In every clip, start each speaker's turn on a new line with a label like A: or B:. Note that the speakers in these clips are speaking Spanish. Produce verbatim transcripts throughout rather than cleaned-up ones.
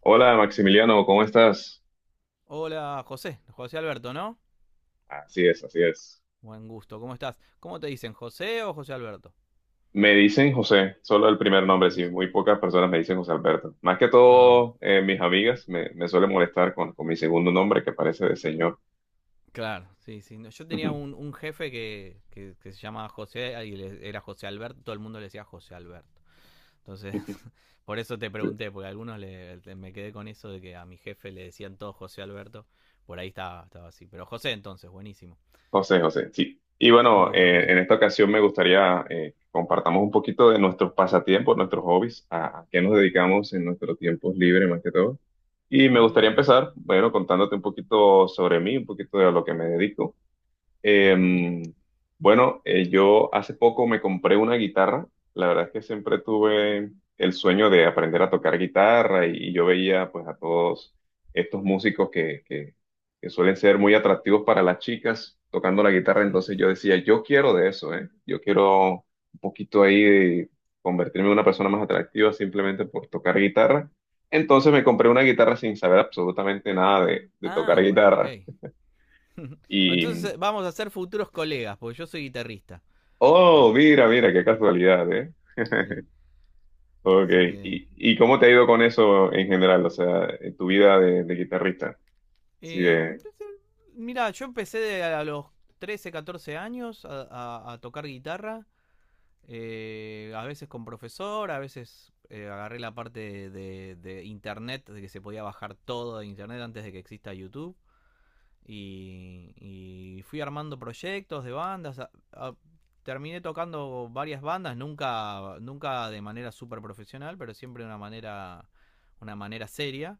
A: Hola Maximiliano, ¿cómo estás?
B: Hola, José. José Alberto, ¿no?
A: Así es, así es.
B: Buen gusto, ¿cómo estás? ¿Cómo te dicen, José o José Alberto?
A: Me dicen José, solo el primer nombre, sí,
B: Buenísimo.
A: muy pocas personas me dicen José Alberto. Más que
B: Ah, bu-
A: todo, eh, mis amigas me, me suelen molestar con, con mi segundo nombre que parece de señor.
B: claro, sí, sí. No, yo tenía un, un jefe que, que, que se llamaba José y le- era José Alberto, todo el mundo le decía José Alberto. Entonces, por eso te
A: Sí,
B: pregunté, porque a algunos le, le- me quedé con eso de que a mi jefe le decían todo José Alberto. Por ahí estaba, estaba así. Pero José entonces, buenísimo.
A: José, José, sí. Y
B: Un
A: bueno,
B: gusto,
A: eh,
B: José.
A: en esta ocasión me gustaría eh, compartamos un poquito de nuestros pasatiempos, nuestros hobbies, a, a qué nos dedicamos en nuestro tiempo libre más que todo. Y me
B: Mm,
A: gustaría
B: ah,
A: empezar, bueno, contándote un poquito sobre mí, un poquito de lo que me dedico.
B: ok.
A: Em, bueno, eh, yo hace poco me compré una guitarra. La verdad es que siempre tuve el sueño de aprender a tocar guitarra y, y yo veía pues a todos estos músicos que, que, que suelen ser muy atractivos para las chicas tocando la guitarra. Entonces yo decía, yo quiero de eso, ¿eh? Yo quiero un poquito ahí de convertirme en una persona más atractiva simplemente por tocar guitarra. Entonces me compré una guitarra sin saber absolutamente nada de de tocar
B: Ah, bueno, ok.
A: guitarra.
B: Entonces
A: Y
B: eh, vamos a ser futuros colegas, porque yo soy guitarrista.
A: Oh,
B: Ah,
A: mira, mira, qué
B: Así que,
A: casualidad, ¿eh?
B: sí.
A: Ok,
B: Así que.
A: ¿Y, y cómo te ha ido con eso en general? O sea, en tu vida de, de guitarrista. Sí,
B: eh,
A: de,
B: Mira, yo empecé de- a los trece, catorce años a, a- a tocar guitarra. Eh, a veces con profesor, a veces eh, agarré la parte de, de- de internet, de que se podía bajar todo de internet antes de que exista YouTube. Y, y fui armando proyectos de bandas. A- a- terminé tocando varias bandas, nunca, nunca de manera súper profesional, pero siempre de una manera, una manera seria.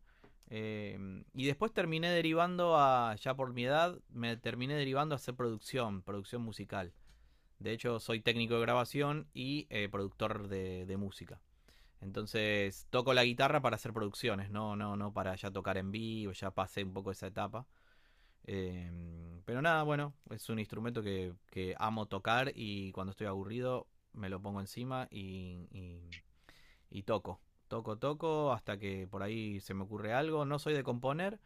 B: Eh, y después terminé derivando a, ya por mi edad, me terminé derivando a hacer producción, producción musical. De hecho, soy técnico de grabación y eh, productor de, de música. Entonces, toco la guitarra para hacer producciones, no, no, no para ya tocar en vivo, ya pasé un poco esa etapa. Eh, pero nada, bueno, es un instrumento que, que amo tocar y cuando estoy aburrido me lo pongo encima y, y, y toco. Toco, toco hasta que por ahí se me ocurre algo. No soy de componer,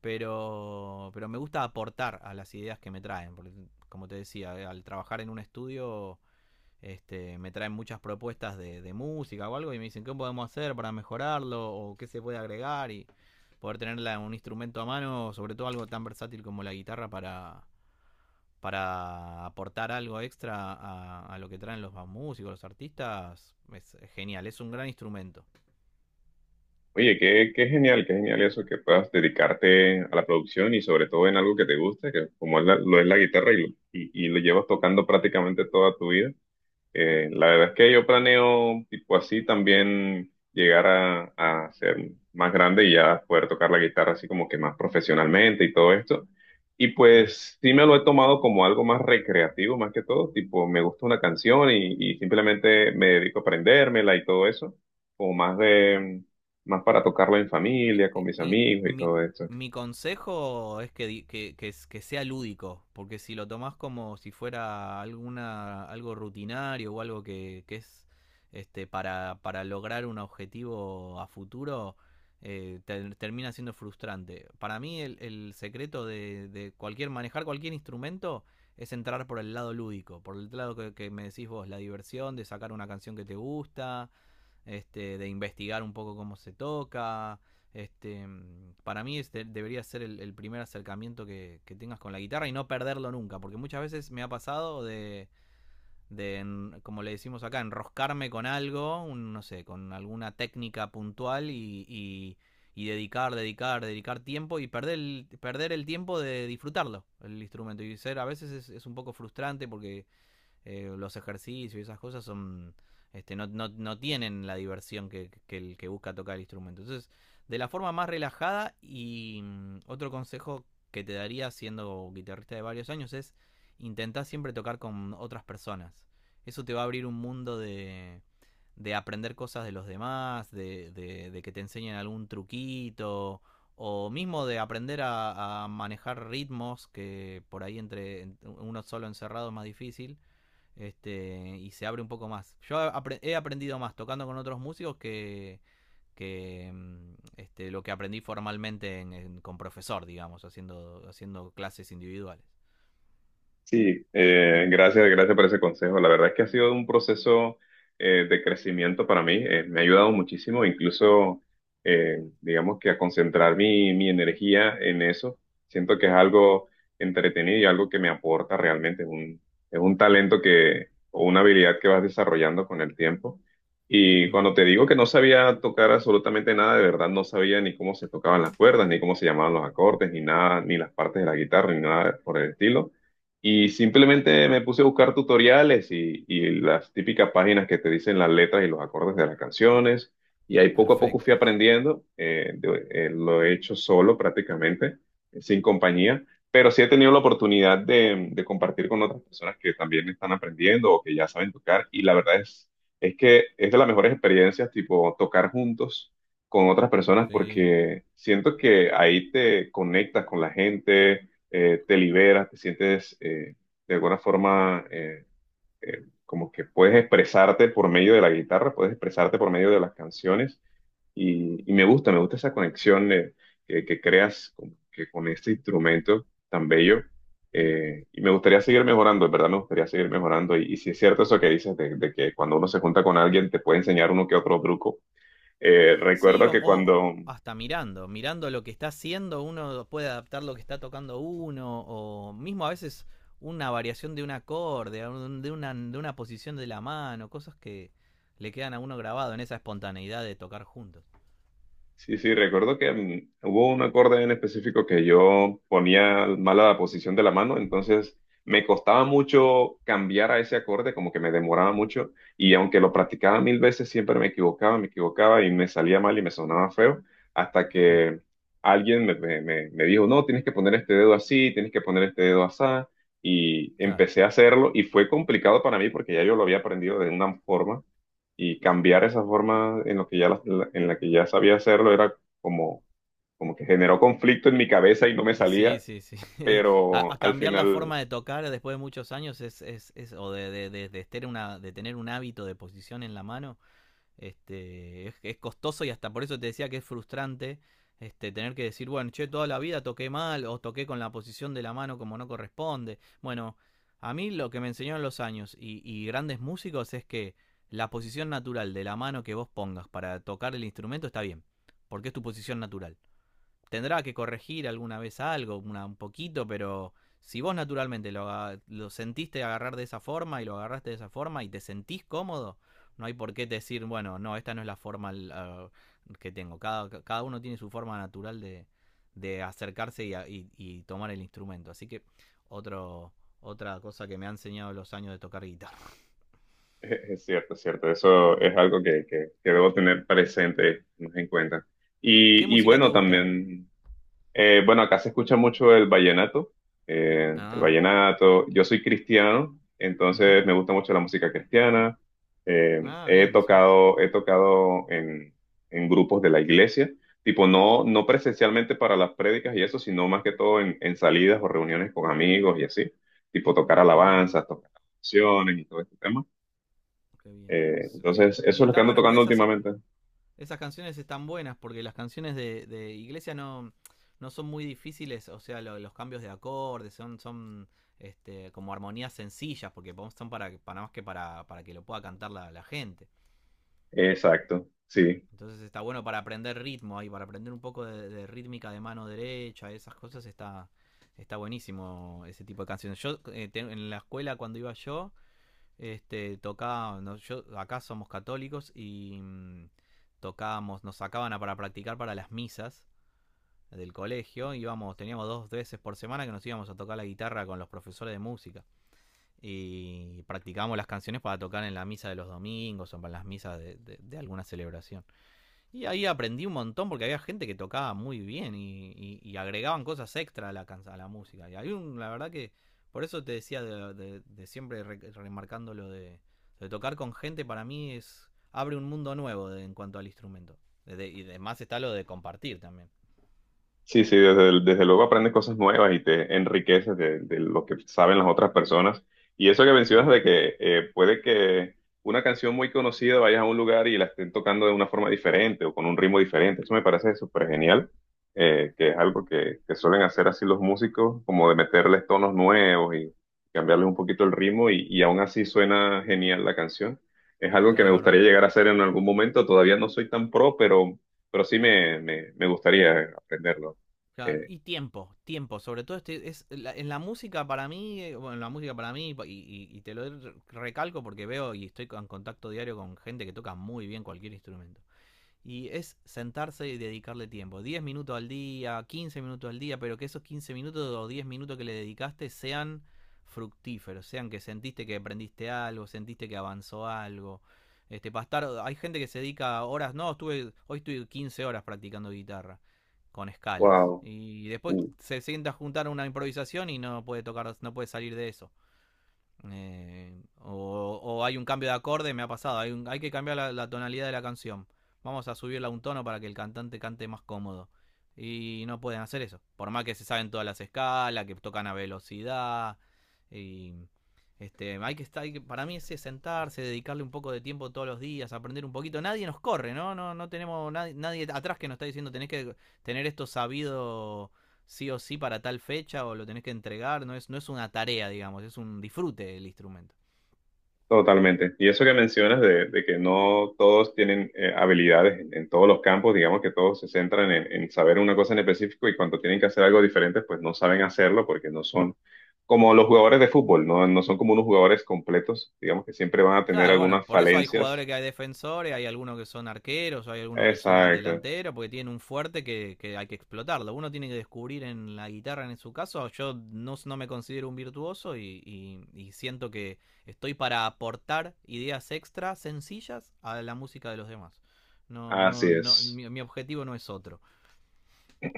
B: pero, pero me gusta aportar a las ideas que me traen. Porque, como te decía, al trabajar en un estudio este, me traen muchas propuestas de, de música o algo y me dicen qué podemos hacer para mejorarlo o qué se puede agregar y poder tener la- un instrumento a mano, sobre todo algo tan versátil como la guitarra para, para aportar algo extra a, a lo que traen los músicos, los artistas, es genial, es un gran instrumento.
A: oye, qué, qué genial, qué genial eso que puedas dedicarte a la producción y sobre todo en algo que te guste, que como es la- lo es la guitarra y, lo- y, y lo llevas tocando prácticamente toda tu vida. Eh, la verdad es que yo planeo, tipo así, también llegar a, a ser más grande y ya poder tocar la guitarra así como que más profesionalmente y todo esto. Y
B: Mm.
A: pues sí me lo he tomado como algo más recreativo, más que todo, tipo me gusta una canción y, y simplemente me dedico a aprendérmela y todo eso, como más de, más para tocarlo en
B: Y,
A: familia, con
B: y-
A: mis
B: y
A: amigos y
B: mi,
A: todo esto.
B: Mi consejo es que, di- que, que s- que sea lúdico, porque si lo tomás como si fuera alguna, algo rutinario o algo que, que es este, para, para lograr un objetivo a futuro, eh, ter- termina siendo frustrante. Para mí el, el secreto de, de cualquier, manejar cualquier instrumento es entrar por el lado lúdico, por el lado que, que me decís vos, la diversión de sacar una canción que te gusta, este, de investigar un poco cómo se toca este, para mí este debería ser el, el primer acercamiento que, que, tengas con la guitarra y no perderlo nunca, porque muchas veces me ha pasado de, de como le decimos acá, enroscarme con algo, un, no sé, con alguna técnica puntual y, y, y, dedicar, dedicar, dedicar tiempo y perder el, perder el tiempo de disfrutarlo, el instrumento. Y ser a veces es, es un poco frustrante porque eh, los ejercicios y esas cosas son este, no, no, no tienen la diversión que, que el que busca tocar el instrumento. Entonces, de la forma más relajada y mm, otro consejo que te daría siendo guitarrista de varios años es intentar siempre tocar con otras personas. Eso te va a abrir un mundo de, de aprender cosas de los demás, de, de, de que te enseñen algún truquito o mismo de aprender a, a manejar ritmos que por ahí entre en- uno solo encerrado es más difícil este, y se abre un poco más. Yo apre- he aprendido más tocando con otros músicos que, que mm, este, lo que aprendí formalmente en- en- con profesor, digamos, haciendo, haciendo clases individuales.
A: Sí, eh, gracias, gracias por ese consejo. La verdad es que ha sido un proceso eh, de crecimiento para mí. Eh, me ha ayudado muchísimo, incluso, eh, digamos que a concentrar mi, mi energía en eso. Siento que es algo entretenido y algo que me aporta realmente. Es un, es un talento que, o una habilidad que vas desarrollando con el tiempo. Y
B: Ujú.
A: cuando te digo que no sabía tocar absolutamente nada, de verdad no sabía ni cómo se tocaban las cuerdas, ni cómo se llamaban los acordes, ni nada, ni las partes de la guitarra, ni nada por el estilo y simplemente me puse a buscar tutoriales y, y las típicas páginas que te dicen las letras y los acordes de las canciones. Y ahí poco a poco
B: Perfecto.
A: fui aprendiendo. eh, de- eh, lo he hecho solo prácticamente, eh, sin compañía. Pero sí he tenido la oportunidad de, de compartir con otras personas que también están aprendiendo o que ya saben tocar. Y la verdad es, es que es de las mejores experiencias, tipo tocar juntos con otras personas
B: Sí.
A: porque siento que ahí te conectas con la gente eh, te liberas, te sientes eh, de alguna forma eh, eh, como que puedes expresarte por medio de la guitarra, puedes expresarte por medio de las canciones y, y me gusta, me gusta esa conexión eh, que, que creas con, que con este instrumento tan bello. Eh, y me gustaría seguir mejorando, en verdad me gustaría seguir mejorando. Y, y si es cierto eso que dices de, de que cuando uno se junta con alguien te puede enseñar uno que otro truco. Eh,
B: Sí,
A: recuerdo
B: o,
A: que
B: o
A: cuando
B: hasta mirando, mirando lo que está haciendo, uno puede adaptar lo que está tocando uno, o mismo a veces una variación de un acorde, a un- de una, de una posición de la mano, cosas que le quedan a uno grabado en esa espontaneidad de tocar juntos.
A: Sí, sí, recuerdo que mm, hubo un acorde en específico que yo ponía mala la posición de la mano, entonces me costaba mucho cambiar a ese acorde, como que me demoraba mucho, y aunque lo practicaba mil veces, siempre me equivocaba, me equivocaba y me salía mal y me sonaba feo, hasta que alguien me, me- me- me dijo, no, tienes que poner este dedo así, tienes que poner este dedo así, y
B: Claro.
A: empecé a hacerlo, y fue complicado para mí porque ya yo lo había aprendido de una forma y cambiar esa forma en lo que ya la- la- en la que ya sabía hacerlo era como como que generó conflicto en mi cabeza y no me
B: Y sí,
A: salía,
B: sí, sí. A,
A: pero
B: a
A: al
B: cambiar la
A: final
B: forma de tocar después de muchos años es, es, es- o de, de, de- de, tener una, de tener un hábito de posición en la mano. Este, es, es costoso y hasta por eso te decía que es frustrante este, tener que decir, bueno, che, toda la vida toqué mal o toqué con la posición de la mano como no corresponde. Bueno, a mí lo que me enseñaron los años y, y grandes músicos es que la posición natural de la mano que vos pongas para tocar el instrumento está bien, porque es tu posición natural. Tendrá que corregir alguna vez algo, una- un poquito, pero si vos naturalmente lo, lo sentiste agarrar de esa forma y lo agarraste de esa forma y te sentís cómodo, no hay por qué decir, bueno, no, esta no es la forma la- que tengo. Cada, cada uno tiene su forma natural de, de acercarse y, y- y tomar el instrumento. Así que otro, otra cosa que me ha enseñado los años de tocar guitarra.
A: es cierto, es cierto, eso es algo que, que, que debo tener presente más en cuenta.
B: ¿Qué
A: Y, y
B: música te
A: bueno,
B: gusta?
A: también Eh, bueno, acá se escucha mucho el vallenato. Eh, el
B: Ah,
A: vallenato, yo soy cristiano, entonces
B: ujú.
A: me gusta mucho la música cristiana. eh,
B: Ah,
A: he
B: bien, sí.
A: tocado, he tocado en, en grupos de la iglesia, tipo no, no presencialmente para las prédicas y eso, sino más que todo en, en salidas o reuniones con amigos y así, tipo tocar
B: Ah,
A: alabanzas, tocar canciones y todo este tema.
B: qué bien.
A: Eh,
B: Sí,
A: entonces, eso
B: y
A: es lo que
B: está
A: ando
B: bueno porque
A: tocando
B: esas,
A: últimamente.
B: esas canciones están buenas porque las canciones de, de Iglesia no, no son muy difíciles, o sea, lo- los cambios de acordes son, son este, como armonías sencillas porque son para, para más que para, para que lo pueda cantar la, la gente.
A: Exacto, sí.
B: Entonces está bueno para aprender ritmo ahí, para aprender un poco de, de rítmica de mano derecha, esas cosas está, está buenísimo ese tipo de canciones. Yo eh, en la escuela cuando iba yo, este, tocaba, no, yo, acá somos católicos y mm, tocábamos, nos sacaban a- para practicar para las misas del colegio, íbamos, teníamos dos veces por semana que nos íbamos a tocar la guitarra con los profesores de música y practicábamos las canciones para tocar en la misa de los domingos o para las misas de, de- de alguna celebración. Y ahí aprendí un montón porque había gente que tocaba muy bien y, y- y agregaban cosas extra a la, a la música. Y hay un, la verdad que por eso te decía de, de- de siempre re- remarcando lo de, de tocar con gente, para mí es abre un mundo nuevo de- en cuanto al instrumento. De- de- y además está lo de compartir también.
A: Sí, sí, desde, el- desde luego aprendes cosas nuevas y te enriqueces de, de lo que saben las otras personas. Y eso que mencionas
B: Claro,
A: de que eh, puede que una canción muy conocida vayas a un lugar y la estén tocando de una forma diferente o con un ritmo diferente, eso me parece súper genial, eh, que es algo que, que suelen hacer así los músicos, como de meterles tonos nuevos y cambiarles un poquito el ritmo y, y aún así suena genial la canción. Es algo que me
B: claro.
A: gustaría
B: Ahora-
A: llegar a hacer en algún momento, todavía no soy tan pro, pero, pero sí me, me me gustaría aprenderlo.
B: claro.
A: Eh,
B: Y tiempo, tiempo, sobre todo este, es, la- en la música para mí, eh, bueno, en la música para mí, y, y- y te lo recalco porque veo y estoy en contacto diario con gente que toca muy bien cualquier instrumento. Y es sentarse y dedicarle tiempo. Diez minutos al día, quince minutos al día, pero que esos quince minutos o diez minutos que le dedicaste sean fructíferos, sean que sentiste que aprendiste algo, sentiste que avanzó algo. Este, para estar, hay gente que se dedica horas, no, estuve, hoy estuve quince horas practicando guitarra con escalas.
A: wow,
B: Y después
A: uh,
B: se sienta a juntar una improvisación y no puede tocar, no puede salir de eso. Eh, o, o hay un cambio de acorde, me ha pasado. Hay, un- hay que cambiar la, la tonalidad de la canción. Vamos a subirla un tono para que el cantante cante más cómodo. Y no pueden hacer eso. Por más que se saben todas las escalas, que tocan a velocidad. Y este, hay que estar, hay que- para mí es sentarse, dedicarle un poco de tiempo todos los días, aprender un poquito. Nadie nos corre, ¿no? No, no tenemos nadie, nadie atrás que nos está diciendo tenés que tener esto sabido sí o sí para tal fecha o lo tenés que entregar, no es, no es una tarea, digamos, es un disfrute del instrumento.
A: Totalmente. Y eso que mencionas de, de que no todos tienen eh, habilidades en, en todos los campos, digamos que todos se centran en, en saber una cosa en específico y cuando tienen que hacer algo diferente, pues no saben hacerlo porque no son como los jugadores de fútbol, no, no son como unos jugadores completos, digamos que siempre van a tener
B: Claro, bueno,
A: algunas
B: por eso hay
A: falencias.
B: jugadores que hay defensores, hay algunos que son arqueros, hay algunos que son
A: Exacto,
B: delanteros, porque tienen un fuerte que, que hay que explotarlo. Uno tiene que descubrir en la guitarra, en su caso, yo no, no me considero un virtuoso y, y, y siento que estoy para aportar ideas extra sencillas a la música de los demás. No, no,
A: así
B: no,
A: es.
B: mi, mi objetivo no es otro.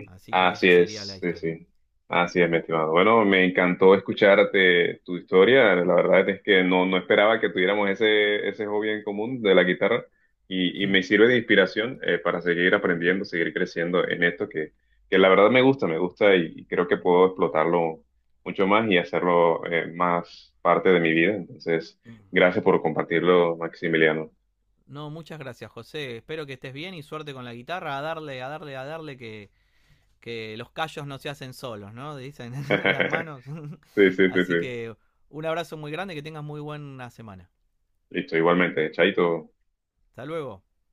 B: Así que
A: Así
B: esa sería la
A: es, sí,
B: historia.
A: sí. Así es, mi estimado. Bueno, me encantó escucharte tu historia. La verdad es que no, no esperaba que tuviéramos ese, ese hobby en común de la guitarra y, y
B: Hmm.
A: me sirve de inspiración eh, para seguir aprendiendo, seguir creciendo en esto que, que la verdad me gusta, me gusta y, y creo que puedo explotarlo mucho más y hacerlo eh, más parte de mi vida. Entonces, gracias por compartirlo, Maximiliano.
B: No, muchas gracias, José. Espero que estés bien y suerte con la guitarra. A darle, a darle, a darle que, que los callos no se hacen solos, ¿no? Dicen en las manos.
A: Sí, sí, sí,
B: Así
A: sí.
B: que un abrazo muy grande y que tengas muy buena semana.
A: Listo, igualmente. Chaito.
B: Hasta luego.